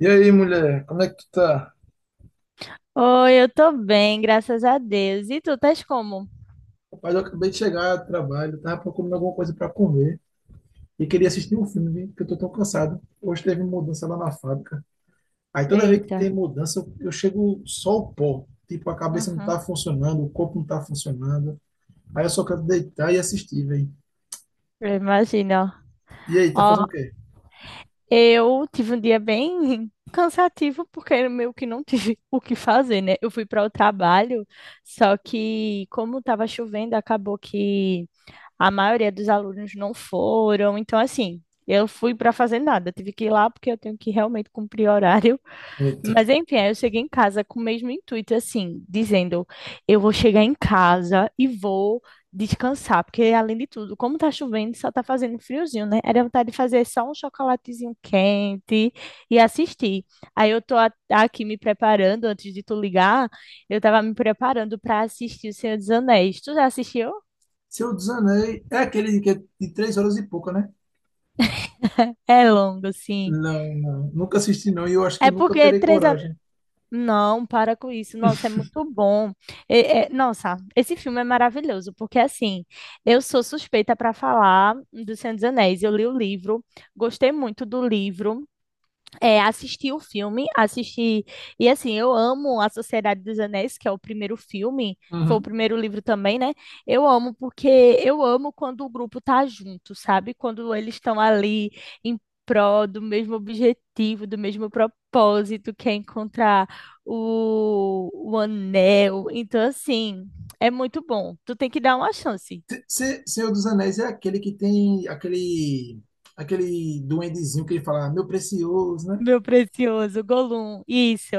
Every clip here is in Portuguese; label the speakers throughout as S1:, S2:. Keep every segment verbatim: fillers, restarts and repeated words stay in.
S1: E aí, mulher, como é que tu tá?
S2: Oi, eu tô bem, graças a Deus. E tu, estás como?
S1: Rapaz, eu acabei de chegar do trabalho, tava procurando alguma coisa pra comer e queria assistir um filme, viu? Porque eu tô tão cansado. Hoje teve mudança lá na fábrica. Aí toda vez que
S2: Eita.
S1: tem mudança, eu eu chego só o pó. Tipo, a cabeça não
S2: Uhum.
S1: tá funcionando, o corpo não tá funcionando. Aí eu só quero deitar e assistir, velho.
S2: Eu imagino.
S1: E aí, tá fazendo
S2: Ó,
S1: o quê?
S2: eu tive um dia bem cansativo porque eu meio que não tive o que fazer, né? Eu fui para o trabalho, só que como tava chovendo, acabou que a maioria dos alunos não foram. Então, assim, eu fui para fazer nada. Tive que ir lá porque eu tenho que realmente cumprir horário.
S1: Eita.
S2: Mas enfim, aí eu cheguei em casa com o mesmo intuito, assim, dizendo: eu vou chegar em casa e vou descansar, porque além de tudo, como tá chovendo, só tá fazendo friozinho, né? Era vontade de fazer só um chocolatezinho quente e assistir. Aí eu tô a- aqui me preparando, antes de tu ligar, eu tava me preparando para assistir O Senhor dos Anéis. Tu já assistiu?
S1: Se eu desanei, é aquele que é de três horas e pouca, né?
S2: É longo, sim.
S1: Não, não. Nunca assisti, não, e eu acho que eu
S2: É
S1: nunca
S2: porque
S1: terei
S2: três
S1: coragem.
S2: Não, para com isso. Nossa, é muito bom. É- é- nossa, esse filme é maravilhoso, porque assim, eu sou suspeita para falar do Senhor dos Anéis. Eu li o livro, gostei muito do livro. É, assisti o filme, assisti. E assim, eu amo A Sociedade dos Anéis, que é o primeiro filme, foi o primeiro livro também, né? Eu amo porque eu amo quando o grupo tá junto, sabe? Quando eles estão ali em prol do mesmo objetivo, do mesmo propósito, que é encontrar o, o anel. Então, assim, é muito bom. Tu tem que dar uma chance.
S1: Se- Senhor dos Anéis é aquele que tem aquele aquele duendezinho que ele fala, meu precioso, né?
S2: Meu precioso Gollum,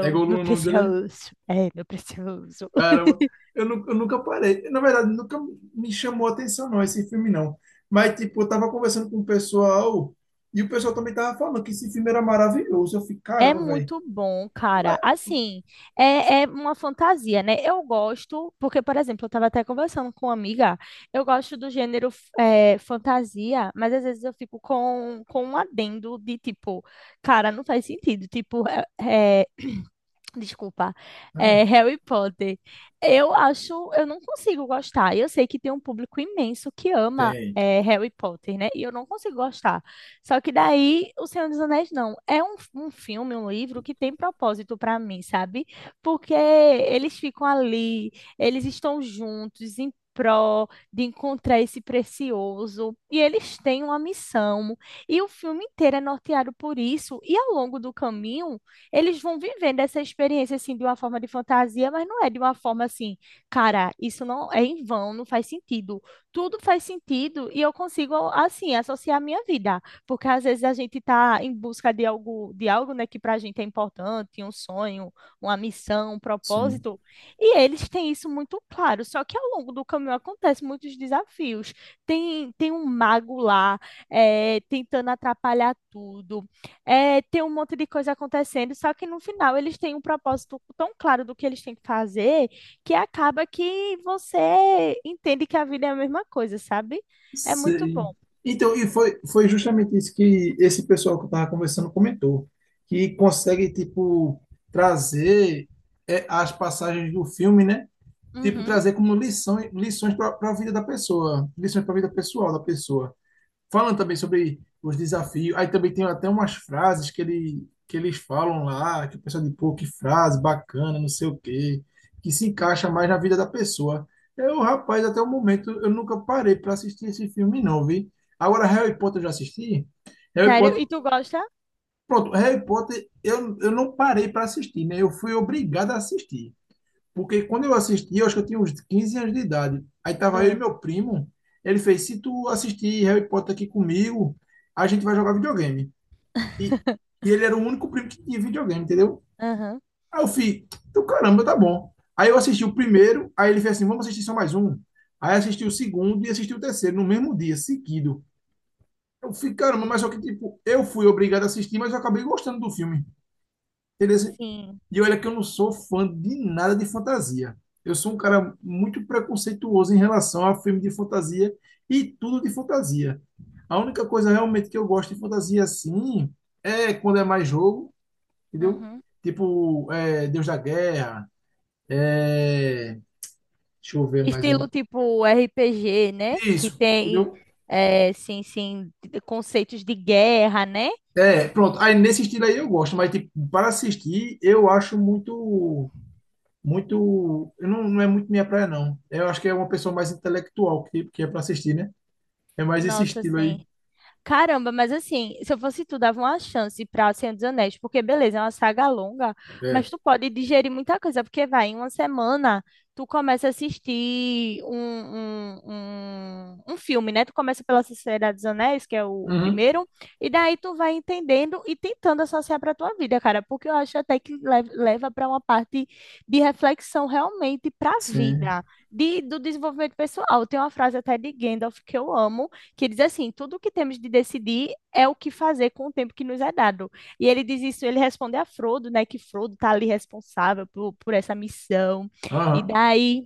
S1: É
S2: meu
S1: Gollum o nome dele, é?
S2: precioso, é, meu precioso.
S1: Caramba, eu, nu- eu nunca parei. Na verdade, nunca me chamou a atenção, não, esse filme, não. Mas, tipo, eu tava conversando com o pessoal e o pessoal também tava falando que esse filme era maravilhoso. Eu fiquei,
S2: É
S1: caramba, velho.
S2: muito bom, cara.
S1: Mas,
S2: Assim, é, é uma fantasia, né? Eu gosto, porque, por exemplo, eu estava até conversando com uma amiga, eu gosto do gênero f- eh, fantasia, mas às vezes eu fico com, com um adendo de tipo, cara, não faz sentido. Tipo, é, é, Desculpa. É,
S1: ah,
S2: Harry Potter. Eu acho, eu não consigo gostar. Eu sei que tem um público imenso que ama
S1: tem,
S2: é, Harry Potter, né? E eu não consigo gostar. Só que daí, O Senhor dos Anéis não. É um, um filme, um livro que tem propósito para mim, sabe? Porque eles ficam ali, eles estão juntos em prol de encontrar esse precioso. E eles têm uma missão. E o filme inteiro é norteado por isso. E ao longo do caminho eles vão vivendo essa experiência assim de uma forma de fantasia, mas não é de uma forma assim, cara, isso não é em vão, não faz sentido. Tudo faz sentido e eu consigo assim associar a minha vida, porque às vezes a gente está em busca de algo, de algo, né, que para a gente é importante, um sonho, uma missão, um
S1: sim.
S2: propósito, e eles têm isso muito claro. Só que ao longo do caminho acontecem muitos desafios. Tem tem um mago lá, eh, tentando atrapalhar tudo. É, tem um monte de coisa acontecendo, só que no final eles têm um propósito tão claro do que eles têm que fazer que acaba que você entende que a vida é a mesma coisa, sabe? É muito
S1: Sei.
S2: bom.
S1: Então, e foi, foi justamente isso que esse pessoal que eu estava conversando comentou, que consegue, tipo, trazer é, as passagens do filme, né? Tipo,
S2: Uhum.
S1: trazer como lição, lições para a vida da pessoa, lições para a vida pessoal da pessoa falando também sobre os desafios. Aí também tem até umas frases que ele, que eles falam lá, que o pessoal diz, pô, que frase bacana, não sei o quê, que se encaixa mais na vida da pessoa. Eu, rapaz, até o momento eu nunca parei para assistir esse filme, não, vi. Agora, Harry Potter eu já assisti. Harry
S2: Sério? E
S1: Potter,
S2: tu gosta?
S1: pronto, Harry Potter eu, eu não parei para assistir, né? Eu fui obrigado a assistir. Porque quando eu assisti, eu acho que eu tinha uns quinze anos de idade. Aí tava eu e
S2: É.
S1: meu primo. Ele fez: se tu assistir Harry Potter aqui comigo, a gente vai jogar videogame. E, e ele era o único primo que tinha videogame, entendeu?
S2: Aham.
S1: Aí eu fui: então caramba, tá bom. Aí eu assisti o primeiro, aí ele fez assim: vamos assistir só mais um. Aí assisti o segundo e assisti o terceiro no mesmo dia, seguido. Eu fiquei, caramba, mas só que tipo, eu fui obrigado a assistir, mas eu acabei gostando do filme. Entendeu?
S2: Sim.
S1: E olha que eu não sou fã de nada de fantasia. Eu sou um cara muito preconceituoso em relação a filme de fantasia e tudo de fantasia. A única coisa realmente que eu gosto de fantasia assim é quando é mais jogo, entendeu?
S2: Uhum.
S1: Tipo, é, Deus da Guerra, é... deixa eu ver mais um.
S2: Estilo tipo R P G, né? Que
S1: Isso,
S2: tem,
S1: entendeu?
S2: é, sim, sim, conceitos de guerra, né?
S1: É, pronto. Aí nesse estilo aí eu gosto, mas tipo, para assistir eu acho muito muito. Eu não, não é muito minha praia, não. Eu acho que é uma pessoa mais intelectual que, que é para assistir, né? É mais esse
S2: Nossa,
S1: estilo aí.
S2: sim. Caramba, mas assim, se eu fosse tu, dava uma chance pra Senhor dos Anéis, porque beleza, é uma saga longa, mas
S1: É.
S2: tu pode digerir muita coisa, porque vai, em uma semana, tu começa a assistir um, um, um, um filme, né? Tu começa pela Sociedade dos Anéis, que é o, o
S1: Uhum.
S2: primeiro, e daí tu vai entendendo e tentando associar pra tua vida, cara, porque eu acho até que lev- leva pra uma parte de reflexão realmente pra
S1: Sim.
S2: vida, de, do desenvolvimento pessoal. Tem uma frase até de Gandalf que eu amo, que diz assim: tudo o que temos de decidir é o que fazer com o tempo que nos é dado. E ele diz isso, ele responde a Frodo, né? Que Frodo está ali responsável por, por essa missão. E
S1: Aham.
S2: daí,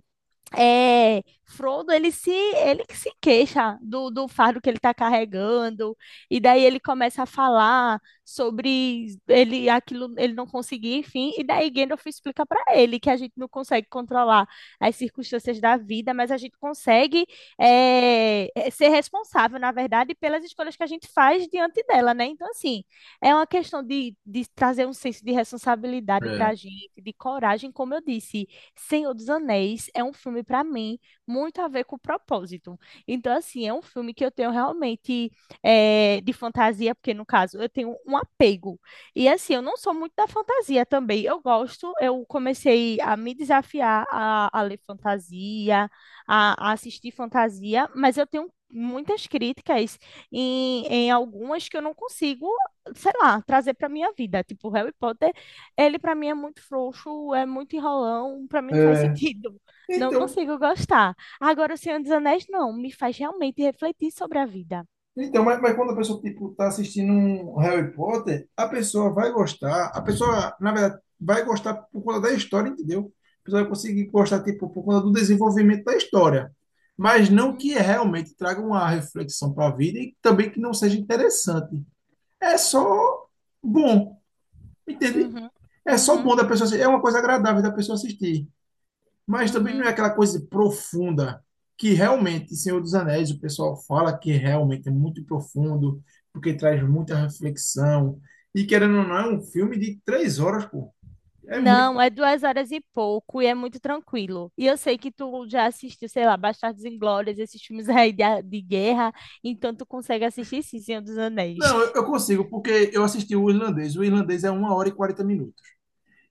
S2: é, Frodo, ele se, ele que se queixa do, do fardo que ele está carregando, e daí ele começa a falar sobre ele aquilo ele não conseguir, enfim, e daí Gandalf explica para ele que a gente não consegue controlar as circunstâncias da vida, mas a gente consegue é, é, ser responsável, na verdade, pelas escolhas que a gente faz diante dela, né? Então, assim, é uma questão de, de trazer um senso de responsabilidade para a
S1: É.
S2: gente, de coragem, como eu disse. Senhor dos Anéis é um filme, para mim, muito a ver com o propósito. Então, assim, é um filme que eu tenho realmente eh, de fantasia, porque, no caso, eu tenho um apego. E, assim, eu não sou muito da fantasia também. Eu gosto, eu comecei a me desafiar a, a ler fantasia, a, a assistir fantasia, mas eu tenho muitas críticas em, em algumas que eu não consigo, sei lá, trazer para minha vida. Tipo, Harry Potter ele pra mim é muito frouxo, é muito enrolão, pra mim não faz
S1: É,
S2: sentido. Não
S1: então,
S2: consigo gostar. Agora, O Senhor dos Anéis não, me faz realmente refletir sobre a vida.
S1: então mas, mas quando a pessoa tipo tá assistindo um Harry Potter, a pessoa vai gostar, a pessoa, na verdade, vai gostar por conta da história, entendeu? A pessoa vai conseguir gostar tipo por conta do desenvolvimento da história, mas não
S2: Uhum,
S1: que realmente traga uma reflexão para a vida e também que não seja interessante. É só bom, entende?
S2: uhum,
S1: É só
S2: uhum,
S1: bom da pessoa assistir. É uma coisa agradável da pessoa assistir. Mas também não é
S2: uhum.
S1: aquela coisa profunda que realmente Senhor dos Anéis, o pessoal fala que realmente é muito profundo, porque traz muita reflexão. E querendo ou não, é um filme de três horas, pô. É muito.
S2: Não, é duas horas e pouco e é muito tranquilo. E eu sei que tu já assistiu, sei lá, Bastardos Inglórios, esses filmes aí de, a- de guerra, então tu consegue assistir sim, Senhor dos Anéis.
S1: Não, eu, eu consigo, porque eu assisti o irlandês. O irlandês é uma hora e quarenta minutos.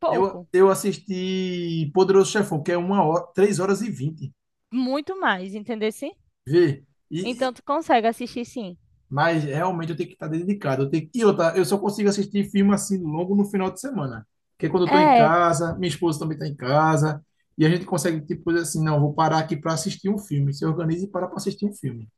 S2: Pouco,
S1: Eu, eu assisti Poderoso Chefão, que é uma hora, três horas e vinte.
S2: muito mais, entendeu? Sim?
S1: Vê.
S2: Então
S1: E,
S2: tu consegue assistir sim.
S1: mas realmente eu tenho que estar dedicado. Eu tenho... E outra, eu só consigo assistir filme assim longo no final de semana. Porque quando eu estou em
S2: É,
S1: casa, minha esposa também está em casa, e a gente consegue, tipo, dizer assim, não, vou parar aqui para assistir um filme. Se organiza e para para assistir um filme.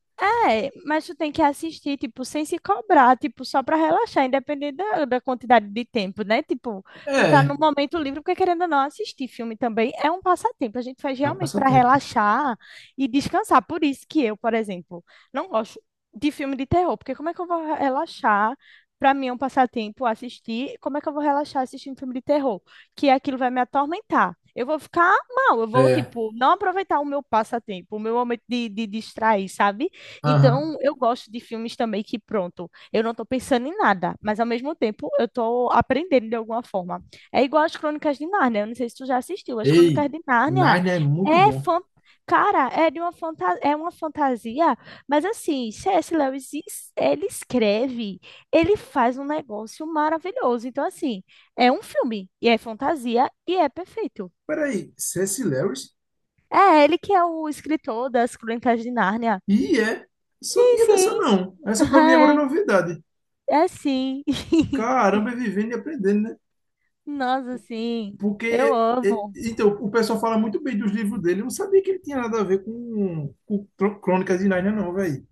S2: É, mas tu tem que assistir, tipo, sem se cobrar, tipo, só pra relaxar, independente da, da quantidade de tempo, né? Tipo, tu tá no
S1: É,
S2: momento livre, porque querendo ou não assistir filme também é um passatempo. A gente faz
S1: é um
S2: realmente pra
S1: passatempo.
S2: relaxar e descansar. Por isso que eu, por exemplo, não gosto de filme de terror, porque como é que eu vou relaxar? Pra mim é um passatempo assistir. Como é que eu vou relaxar assistindo filme de terror? Que aquilo vai me atormentar. Eu vou ficar mal, eu vou,
S1: É,
S2: tipo, não aproveitar o meu passatempo, o meu momento de, de distrair, sabe?
S1: aham.
S2: Então, eu gosto de filmes também que, pronto, eu não estou pensando em nada, mas ao mesmo tempo eu estou aprendendo de alguma forma. É igual as Crônicas de Nárnia, eu não sei se tu já assistiu, as Crônicas
S1: Ei,
S2: de Nárnia
S1: Narnia é muito
S2: é
S1: bom.
S2: fan... Cara, é de uma fanta... é uma fantasia, mas assim, C S. Lewis, es- ele escreve, ele faz um negócio maravilhoso. Então, assim, é um filme, e é fantasia, e é perfeito.
S1: Peraí, Ceci Lewis?
S2: É ele que é o escritor das Crônicas de Nárnia.
S1: E é,
S2: Sim,
S1: sabia
S2: sim.
S1: dessa não. Essa para mim agora é novidade.
S2: É sim.
S1: Caramba, é vivendo e aprendendo, né?
S2: Nossa, sim. Eu
S1: Porque, é, é,
S2: amo.
S1: então, o pessoal fala muito bem dos livros dele. Eu não sabia que ele tinha nada a ver com, com Cro- Crônicas de Narnia, não, velho.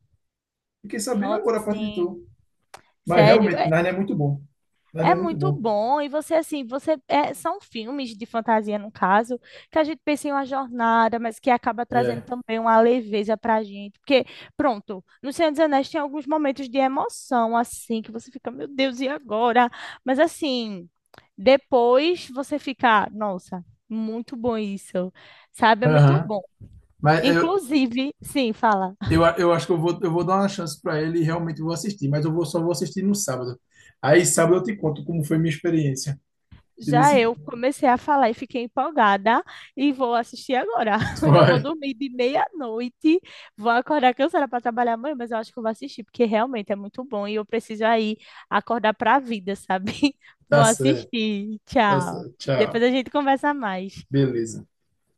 S1: Fiquei sabendo
S2: Nossa,
S1: agora a partir de
S2: sim.
S1: tu. Mas
S2: Sério,
S1: realmente,
S2: é,
S1: Narnia é muito bom. Narnia
S2: é
S1: é muito
S2: muito
S1: bom.
S2: bom. E você, assim, você é, são filmes de fantasia, no caso, que a gente pensa em uma jornada, mas que acaba trazendo
S1: É.
S2: também uma leveza pra gente. Porque, pronto, no Senhor dos Anéis tem alguns momentos de emoção, assim, que você fica, meu Deus, e agora? Mas, assim, depois você fica, nossa, muito bom isso. Sabe? É muito
S1: Aham.
S2: bom.
S1: Mas eu,
S2: Inclusive, sim, fala.
S1: eu, a- eu acho que eu vou, eu vou dar uma chance para ele e realmente vou assistir, mas eu vou, só vou assistir no sábado. Aí sábado eu te conto como foi minha experiência. Entendeu?
S2: Já
S1: Assim?
S2: eu comecei a falar e fiquei empolgada e vou assistir agora. Eu vou
S1: Vai,
S2: dormir de meia-noite, vou acordar cansada para trabalhar amanhã, mas eu acho que eu vou assistir, porque realmente é muito bom e eu preciso aí acordar para a vida, sabe? Vou
S1: tá certo,
S2: assistir.
S1: tá
S2: Tchau.
S1: certo.
S2: Depois
S1: Tchau.
S2: a gente conversa mais.
S1: Beleza.